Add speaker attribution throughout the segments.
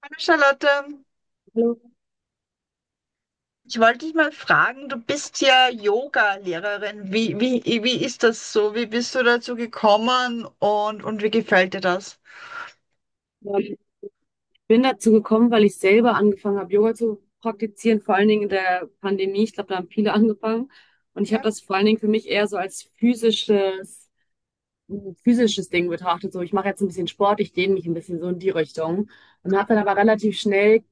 Speaker 1: Hallo Charlotte,
Speaker 2: Hallo.
Speaker 1: ich wollte dich mal fragen, du bist ja Yoga-Lehrerin. Wie ist das so? Wie bist du dazu gekommen und wie gefällt dir das?
Speaker 2: Ja, ich bin dazu gekommen, weil ich selber angefangen habe, Yoga zu praktizieren, vor allen Dingen in der Pandemie. Ich glaube, da haben viele angefangen. Und ich habe
Speaker 1: Ja,
Speaker 2: das vor allen Dingen für mich eher so als physisches, ein physisches Ding betrachtet. So, ich mache jetzt ein bisschen Sport, ich dehne mich ein bisschen so in die Richtung. Und habe dann aber relativ schnell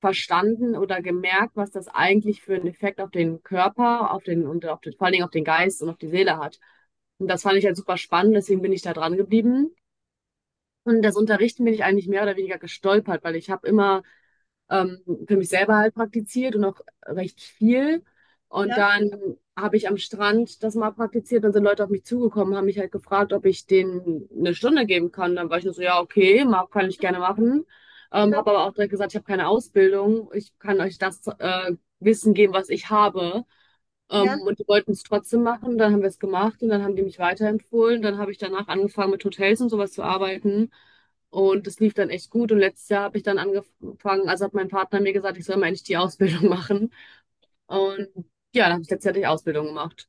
Speaker 2: verstanden oder gemerkt, was das eigentlich für einen Effekt auf den Körper, auf den, und auf den, vor allen Dingen auf den Geist und auf die Seele hat. Und das fand ich halt super spannend, deswegen bin ich da dran geblieben. Und das Unterrichten bin ich eigentlich mehr oder weniger gestolpert, weil ich habe immer ähm, für mich selber halt praktiziert und auch recht viel. Und
Speaker 1: ja,
Speaker 2: dann habe ich am Strand das mal praktiziert, dann sind Leute auf mich zugekommen, haben mich halt gefragt, ob ich denen 1 Stunde geben kann. Dann war ich nur so, ja, okay, mag, kann ich gerne machen.
Speaker 1: schön.
Speaker 2: Habe aber auch direkt gesagt, ich habe keine Ausbildung, ich kann euch das Wissen geben, was ich habe.
Speaker 1: Ja.
Speaker 2: Und die wollten es trotzdem machen, dann haben wir es gemacht und dann haben die mich weiterempfohlen. Dann habe ich danach angefangen, mit Hotels und sowas zu arbeiten. Und das lief dann echt gut. Und letztes Jahr habe ich dann angefangen, also hat mein Partner mir gesagt, ich soll mal endlich die Ausbildung machen. Und ja, dann habe ich letztes Jahr die Ausbildung gemacht.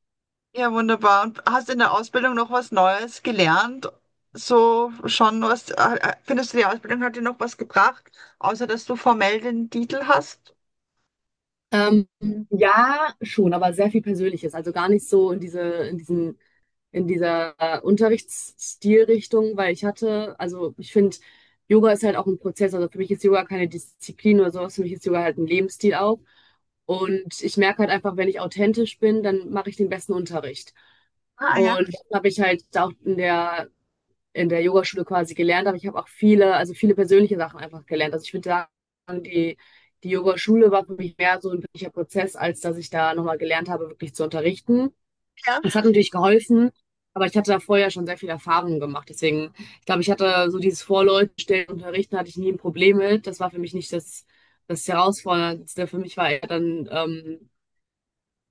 Speaker 1: Ja, wunderbar. Und hast in der Ausbildung noch was Neues gelernt? So schon was, findest du, die Ausbildung hat dir noch was gebracht, außer dass du formell den Titel hast?
Speaker 2: Ähm, ja, schon, aber sehr viel Persönliches. Also gar nicht so in diese, in diesen, in dieser Unterrichtsstilrichtung, weil ich hatte, also ich finde, Yoga ist halt auch ein Prozess. Also für mich ist Yoga keine Disziplin oder sowas. Für mich ist Yoga halt ein Lebensstil auch. Und ich merke halt einfach, wenn ich authentisch bin, dann mache ich den besten Unterricht.
Speaker 1: Ah, ja,
Speaker 2: Und das habe ich halt auch in der Yogaschule quasi gelernt habe. Ich habe auch viele, also viele persönliche Sachen einfach gelernt. Also ich würde sagen, die, die Yogaschule war für mich mehr so ein wirklicher Prozess, als dass ich da nochmal gelernt habe, wirklich zu unterrichten.
Speaker 1: ja,
Speaker 2: Es hat natürlich geholfen, aber ich hatte da vorher schon sehr viel Erfahrung gemacht. Deswegen, ich glaube, ich hatte so dieses Vorleute und unterrichten, hatte ich nie ein Problem mit. Das war für mich nicht das, das Herausforderndste. Für mich war eher dann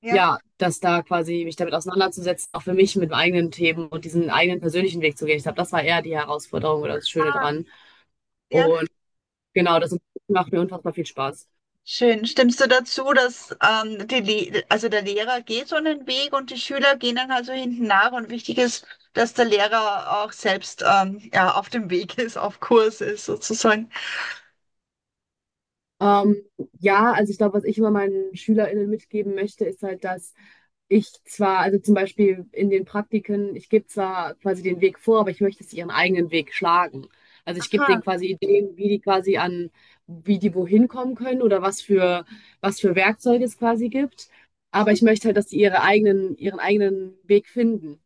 Speaker 1: ja,
Speaker 2: ja, dass da quasi mich damit auseinanderzusetzen, auch für mich mit meinen eigenen Themen und diesen eigenen persönlichen Weg zu gehen. Ich glaube, das war eher die Herausforderung oder das Schöne dran.
Speaker 1: ja.
Speaker 2: Und genau, das macht mir unfassbar viel Spaß.
Speaker 1: Schön. Stimmst du dazu, dass also der Lehrer geht so einen Weg und die Schüler gehen dann also hinten nach und wichtig ist, dass der Lehrer auch selbst ja, auf dem Weg ist, auf Kurs ist sozusagen.
Speaker 2: Ähm, ja, also ich glaube, was ich immer meinen SchülerInnen mitgeben möchte, ist halt, dass ich zwar, also zum Beispiel in den Praktiken, ich gebe zwar quasi den Weg vor, aber ich möchte, dass sie ihren eigenen Weg schlagen. Also ich gebe
Speaker 1: Aha.
Speaker 2: denen quasi Ideen, wie die quasi an, wie die wohin kommen können oder was für Werkzeuge es quasi gibt. Aber ich möchte halt, dass sie ihre eigenen, ihren eigenen Weg finden.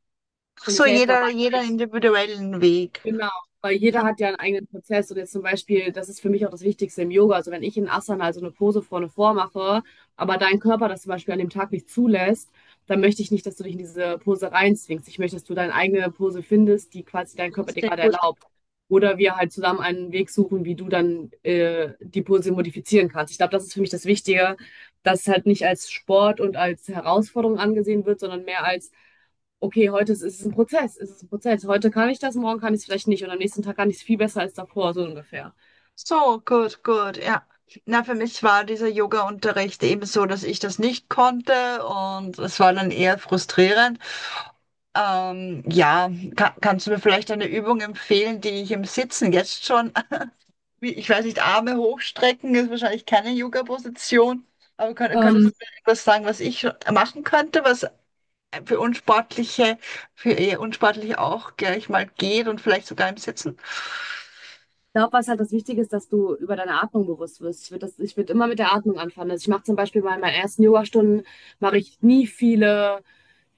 Speaker 1: Ach,
Speaker 2: Und ich
Speaker 1: so
Speaker 2: helfe dabei
Speaker 1: jeder
Speaker 2: halt.
Speaker 1: individuellen Weg.
Speaker 2: Genau, weil
Speaker 1: Ja,
Speaker 2: jeder hat ja einen eigenen Prozess und jetzt zum Beispiel, das ist für mich auch das Wichtigste im Yoga. Also wenn ich in Asana, also eine Pose vorne vormache, aber dein Körper das zum Beispiel an dem Tag nicht zulässt, dann möchte ich nicht, dass du dich in diese Pose reinzwingst. Ich möchte, dass du deine eigene Pose findest, die quasi dein Körper dir
Speaker 1: sehr
Speaker 2: gerade
Speaker 1: gut.
Speaker 2: erlaubt. Oder wir halt zusammen einen Weg suchen, wie du dann die Pose modifizieren kannst. Ich glaube, das ist für mich das Wichtige, dass es halt nicht als Sport und als Herausforderung angesehen wird, sondern mehr als: okay, heute ist, ist es ein Prozess, ist es ein Prozess. Heute kann ich das, morgen kann ich es vielleicht nicht und am nächsten Tag kann ich es viel besser als davor, so ungefähr.
Speaker 1: So, gut, gut, ja. Na, für mich war dieser Yoga-Unterricht eben so, dass ich das nicht konnte und es war dann eher frustrierend. Ja, kannst du mir vielleicht eine Übung empfehlen, die ich im Sitzen jetzt schon, ich weiß nicht, Arme hochstrecken ist wahrscheinlich keine Yoga-Position, aber könnt,
Speaker 2: Ähm,
Speaker 1: könntest du mir etwas sagen, was ich schon machen könnte, was für Unsportliche, für eher Unsportliche auch gleich mal geht und vielleicht sogar im Sitzen?
Speaker 2: Glaube, was halt das Wichtige ist, dass du über deine Atmung bewusst wirst. Ich würde das, ich würde immer mit der Atmung anfangen. Also ich mache zum Beispiel mal in meinen ersten Yogastunden, mache ich nie viele,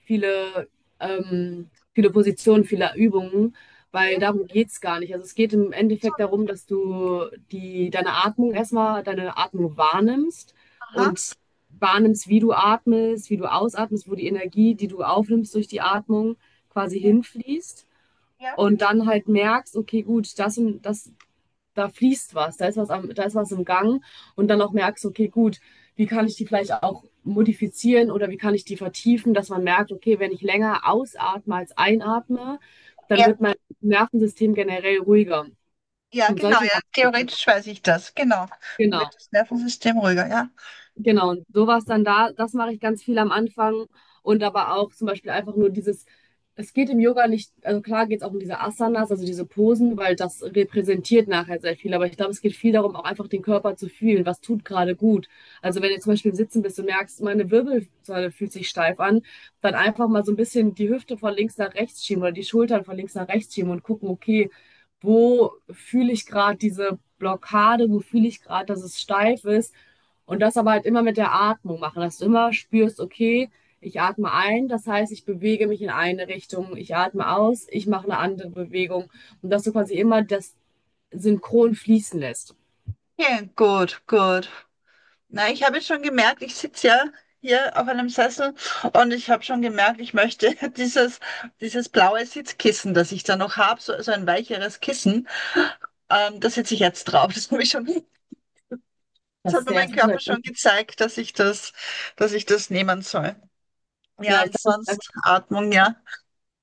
Speaker 2: viele, viele Positionen, viele Übungen, weil
Speaker 1: Ja,
Speaker 2: darum geht es gar nicht. Also es geht im
Speaker 1: so,
Speaker 2: Endeffekt darum, dass du die, deine Atmung erstmal, deine Atmung wahrnimmst
Speaker 1: aha.
Speaker 2: und wahrnimmst, wie du atmest, wie du ausatmest, wo die Energie, die du aufnimmst durch die Atmung, quasi
Speaker 1: Ja,
Speaker 2: hinfließt
Speaker 1: ja,
Speaker 2: und dann halt merkst, okay, gut, das und das, da fließt was, da ist was, am, da ist was im Gang und dann auch merkst, okay, gut, wie kann ich die vielleicht auch modifizieren oder wie kann ich die vertiefen, dass man merkt, okay, wenn ich länger ausatme als einatme, dann
Speaker 1: ja,
Speaker 2: wird mein Nervensystem generell ruhiger.
Speaker 1: ja,
Speaker 2: Um
Speaker 1: genau,
Speaker 2: solche
Speaker 1: ja,
Speaker 2: Sachen geht es noch.
Speaker 1: theoretisch weiß ich das, genau. Dann
Speaker 2: Genau.
Speaker 1: wird das Nervensystem ruhiger, ja.
Speaker 2: Genau, und sowas dann da, das mache ich ganz viel am Anfang und aber auch zum Beispiel einfach nur dieses, es geht im Yoga nicht, also klar geht es auch um diese Asanas, also diese Posen, weil das repräsentiert nachher sehr viel, aber ich glaube, es geht viel darum, auch einfach den Körper zu fühlen, was tut gerade gut. Also wenn du zum Beispiel im Sitzen bist und merkst, meine Wirbelsäule fühlt sich steif an, dann einfach mal so ein bisschen die Hüfte von links nach rechts schieben oder die Schultern von links nach rechts schieben und gucken, okay, wo fühle ich gerade diese Blockade, wo fühle ich gerade, dass es steif ist und das aber halt immer mit der Atmung machen, dass du immer spürst, okay, ich atme ein, das heißt, ich bewege mich in eine Richtung, ich atme aus, ich mache eine andere Bewegung und dass du quasi immer das synchron fließen lässt.
Speaker 1: Ja, gut, gut. Na, ich habe schon gemerkt, ich sitze ja hier auf einem Sessel und ich habe schon gemerkt, ich möchte dieses blaue Sitzkissen, das ich da noch habe, so, so ein weicheres Kissen, da sitze ich jetzt drauf. Das habe ich schon, das
Speaker 2: Das
Speaker 1: hat
Speaker 2: ist
Speaker 1: mir
Speaker 2: der
Speaker 1: mein
Speaker 2: erste
Speaker 1: Körper
Speaker 2: Schritt.
Speaker 1: schon gezeigt, dass ich das nehmen soll. Ja,
Speaker 2: Ja, ich glaube, das ist einfach.
Speaker 1: ansonsten Atmung, ja.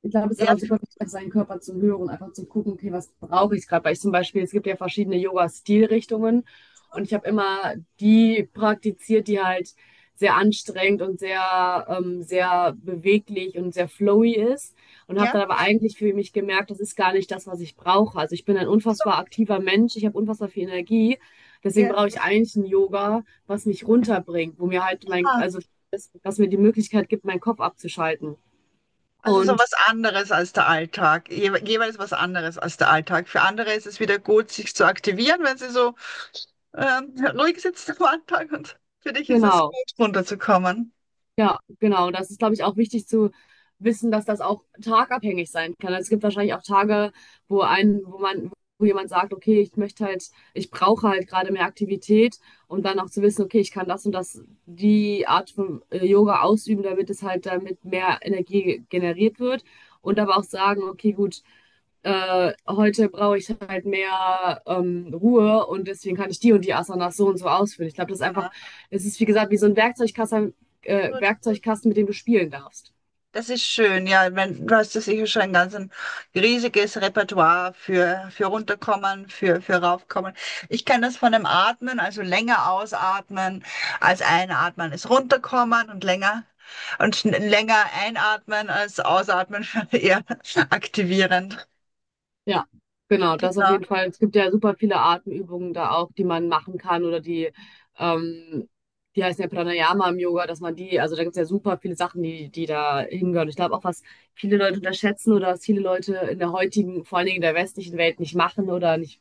Speaker 2: Ich glaube, es ist
Speaker 1: Ja,
Speaker 2: einfach super wichtig, auf seinen Körper zu hören, einfach zu gucken, okay, was brauche ich gerade? Weil ich zum Beispiel, es gibt ja verschiedene Yoga-Stilrichtungen und ich habe immer die praktiziert, die halt sehr anstrengend und sehr, sehr beweglich und sehr flowy ist und habe
Speaker 1: ja,
Speaker 2: dann aber eigentlich für mich gemerkt, das ist gar nicht das, was ich brauche. Also ich bin ein
Speaker 1: so,
Speaker 2: unfassbar aktiver Mensch, ich habe unfassbar viel Energie, deswegen
Speaker 1: ja.
Speaker 2: brauche ich eigentlich ein Yoga, was mich runterbringt, wo mir halt mein,
Speaker 1: Ah,
Speaker 2: also das, was mir die Möglichkeit gibt, meinen Kopf abzuschalten.
Speaker 1: also so
Speaker 2: Und
Speaker 1: was anderes als der Alltag. Jeweils was anderes als der Alltag. Für andere ist es wieder gut, sich zu aktivieren, wenn sie so ruhig sitzt am Anfang und für dich ist es
Speaker 2: genau.
Speaker 1: gut, runterzukommen.
Speaker 2: Ja, genau. Das ist, glaube ich, auch wichtig zu wissen, dass das auch tagabhängig sein kann. Also es gibt wahrscheinlich auch Tage, wo ein, wo man, wo jemand sagt, okay, ich möchte halt, ich brauche halt gerade mehr Aktivität und dann auch zu wissen, okay, ich kann das und das, die Art von Yoga ausüben, damit es halt damit mehr Energie generiert wird. Und aber auch sagen, okay, gut, heute brauche ich halt mehr Ruhe und deswegen kann ich die und die Asanas so und so ausführen. Ich glaube, das ist einfach,
Speaker 1: Ja,
Speaker 2: es ist wie gesagt wie so ein Werkzeugkasten,
Speaker 1: gut.
Speaker 2: Werkzeugkasten, mit dem du spielen darfst.
Speaker 1: Das ist schön, ja. Ich mein, du hast ja sicher schon ein ganz ein riesiges Repertoire für runterkommen, für raufkommen. Ich kenne das von dem Atmen, also länger ausatmen als einatmen, ist runterkommen und länger einatmen als ausatmen, eher aktivierend.
Speaker 2: Ja, genau, das auf
Speaker 1: Genau,
Speaker 2: jeden Fall. Es gibt ja super viele Atemübungen da auch, die man machen kann oder die, ähm, die heißen ja Pranayama im Yoga, dass man die, also da gibt es ja super viele Sachen, die, die da hingehören. Ich glaube auch, was viele Leute unterschätzen oder was viele Leute in der heutigen, vor allen Dingen in der westlichen Welt nicht machen oder nicht.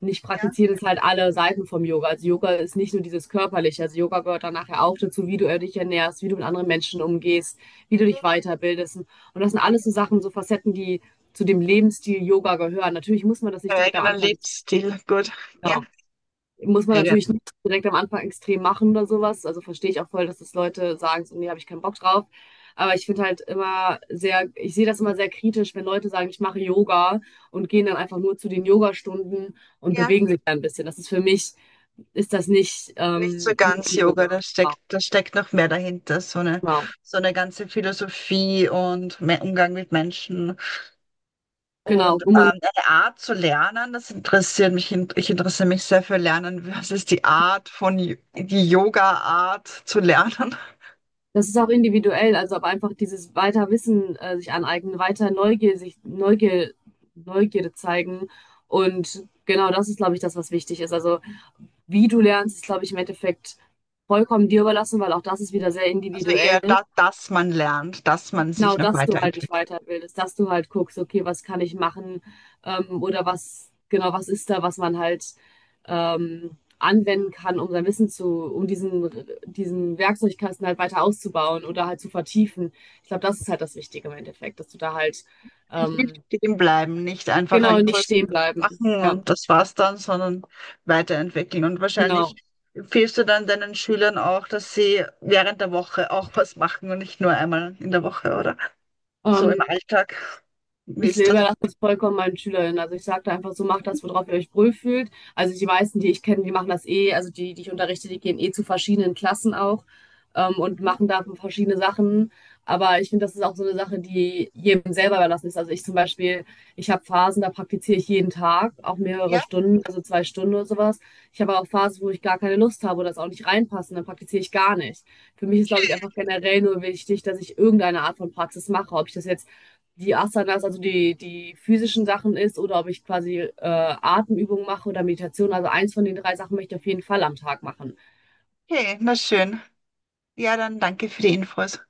Speaker 2: Und ich
Speaker 1: ja.
Speaker 2: praktiziere das halt alle Seiten vom Yoga. Also Yoga ist nicht nur dieses Körperliche. Also Yoga gehört dann nachher auch dazu, wie du dich ernährst, wie du mit anderen Menschen umgehst, wie du dich weiterbildest. Und das sind alles so Sachen, so Facetten, die zu dem Lebensstil Yoga gehören. Natürlich muss man das
Speaker 1: Der
Speaker 2: nicht direkt am
Speaker 1: eigenen
Speaker 2: Anfang.
Speaker 1: Lebensstil, gut. Ja,
Speaker 2: Genau. Muss man
Speaker 1: eigen.
Speaker 2: natürlich nicht direkt am Anfang extrem machen oder sowas. Also verstehe ich auch voll, dass das Leute sagen, so, nee, habe ich keinen Bock drauf. Aber ich finde halt immer sehr, ich sehe das immer sehr kritisch, wenn Leute sagen, ich mache Yoga und gehen dann einfach nur zu den Yogastunden und
Speaker 1: Ja.
Speaker 2: bewegen sich dann ein bisschen. Das ist für mich, ist das nicht
Speaker 1: Nicht so
Speaker 2: nur
Speaker 1: ganz Yoga,
Speaker 2: Yoga.
Speaker 1: da steckt noch mehr dahinter, so eine,
Speaker 2: Genau.
Speaker 1: so eine ganze Philosophie und mehr Umgang mit Menschen
Speaker 2: Genau.
Speaker 1: und eine Art zu lernen, das interessiert mich. Ich interessiere mich sehr für Lernen. Was ist die Art von, Y- die Yoga-Art zu lernen?
Speaker 2: Das ist auch individuell, also aber einfach dieses weiter Wissen sich aneignen, weiter Neugier, sich Neugier, Neugierde zeigen. Und genau das ist, glaube ich, das, was wichtig ist. Also wie du lernst, ist, glaube ich, im Endeffekt vollkommen dir überlassen, weil auch das ist wieder sehr
Speaker 1: Also eher
Speaker 2: individuell.
Speaker 1: da, dass man lernt, dass man sich
Speaker 2: Genau,
Speaker 1: noch
Speaker 2: dass du halt dich
Speaker 1: weiterentwickelt.
Speaker 2: weiterbildest, dass du halt guckst, okay, was kann ich machen, oder was, genau, was ist da, was man halt anwenden kann, um sein Wissen zu, um diesen, diesen Werkzeugkasten halt weiter auszubauen oder halt zu vertiefen. Ich glaube, das ist halt das Wichtige im Endeffekt, dass du da halt
Speaker 1: Nicht
Speaker 2: ähm,
Speaker 1: stehen bleiben, nicht einfach
Speaker 2: genau
Speaker 1: einen
Speaker 2: nicht
Speaker 1: Kurs
Speaker 2: stehen bleiben.
Speaker 1: machen
Speaker 2: Ja,
Speaker 1: und das war's dann, sondern weiterentwickeln. Und wahrscheinlich
Speaker 2: genau.
Speaker 1: empfiehlst du dann deinen Schülern auch, dass sie während der Woche auch was machen und nicht nur einmal in der Woche, oder? So im
Speaker 2: Ähm,
Speaker 1: Alltag. Wie
Speaker 2: Ich
Speaker 1: ist das?
Speaker 2: überlasse das vollkommen meinen SchülerInnen. Also ich sage da einfach so, macht das, worauf ihr euch wohl fühlt. Also die meisten, die ich kenne, die machen das eh, also die, die ich unterrichte, die gehen eh zu verschiedenen Klassen auch und machen da verschiedene Sachen. Aber ich finde, das ist auch so eine Sache, die jedem selber überlassen ist. Also ich zum Beispiel, ich habe Phasen, da praktiziere ich jeden Tag, auch mehrere
Speaker 1: Ja,
Speaker 2: Stunden, also 2 Stunden oder sowas. Ich habe aber auch Phasen, wo ich gar keine Lust habe oder es auch nicht reinpassen, dann praktiziere ich gar nicht. Für mich ist, glaube ich, einfach generell nur wichtig, dass ich irgendeine Art von Praxis mache. Ob ich das jetzt die Asanas, also die, die physischen Sachen ist, oder ob ich quasi Atemübungen mache oder Meditation. Also eins von den drei Sachen möchte ich auf jeden Fall am Tag machen.
Speaker 1: okay, na schön. Ja, dann danke für die Infos.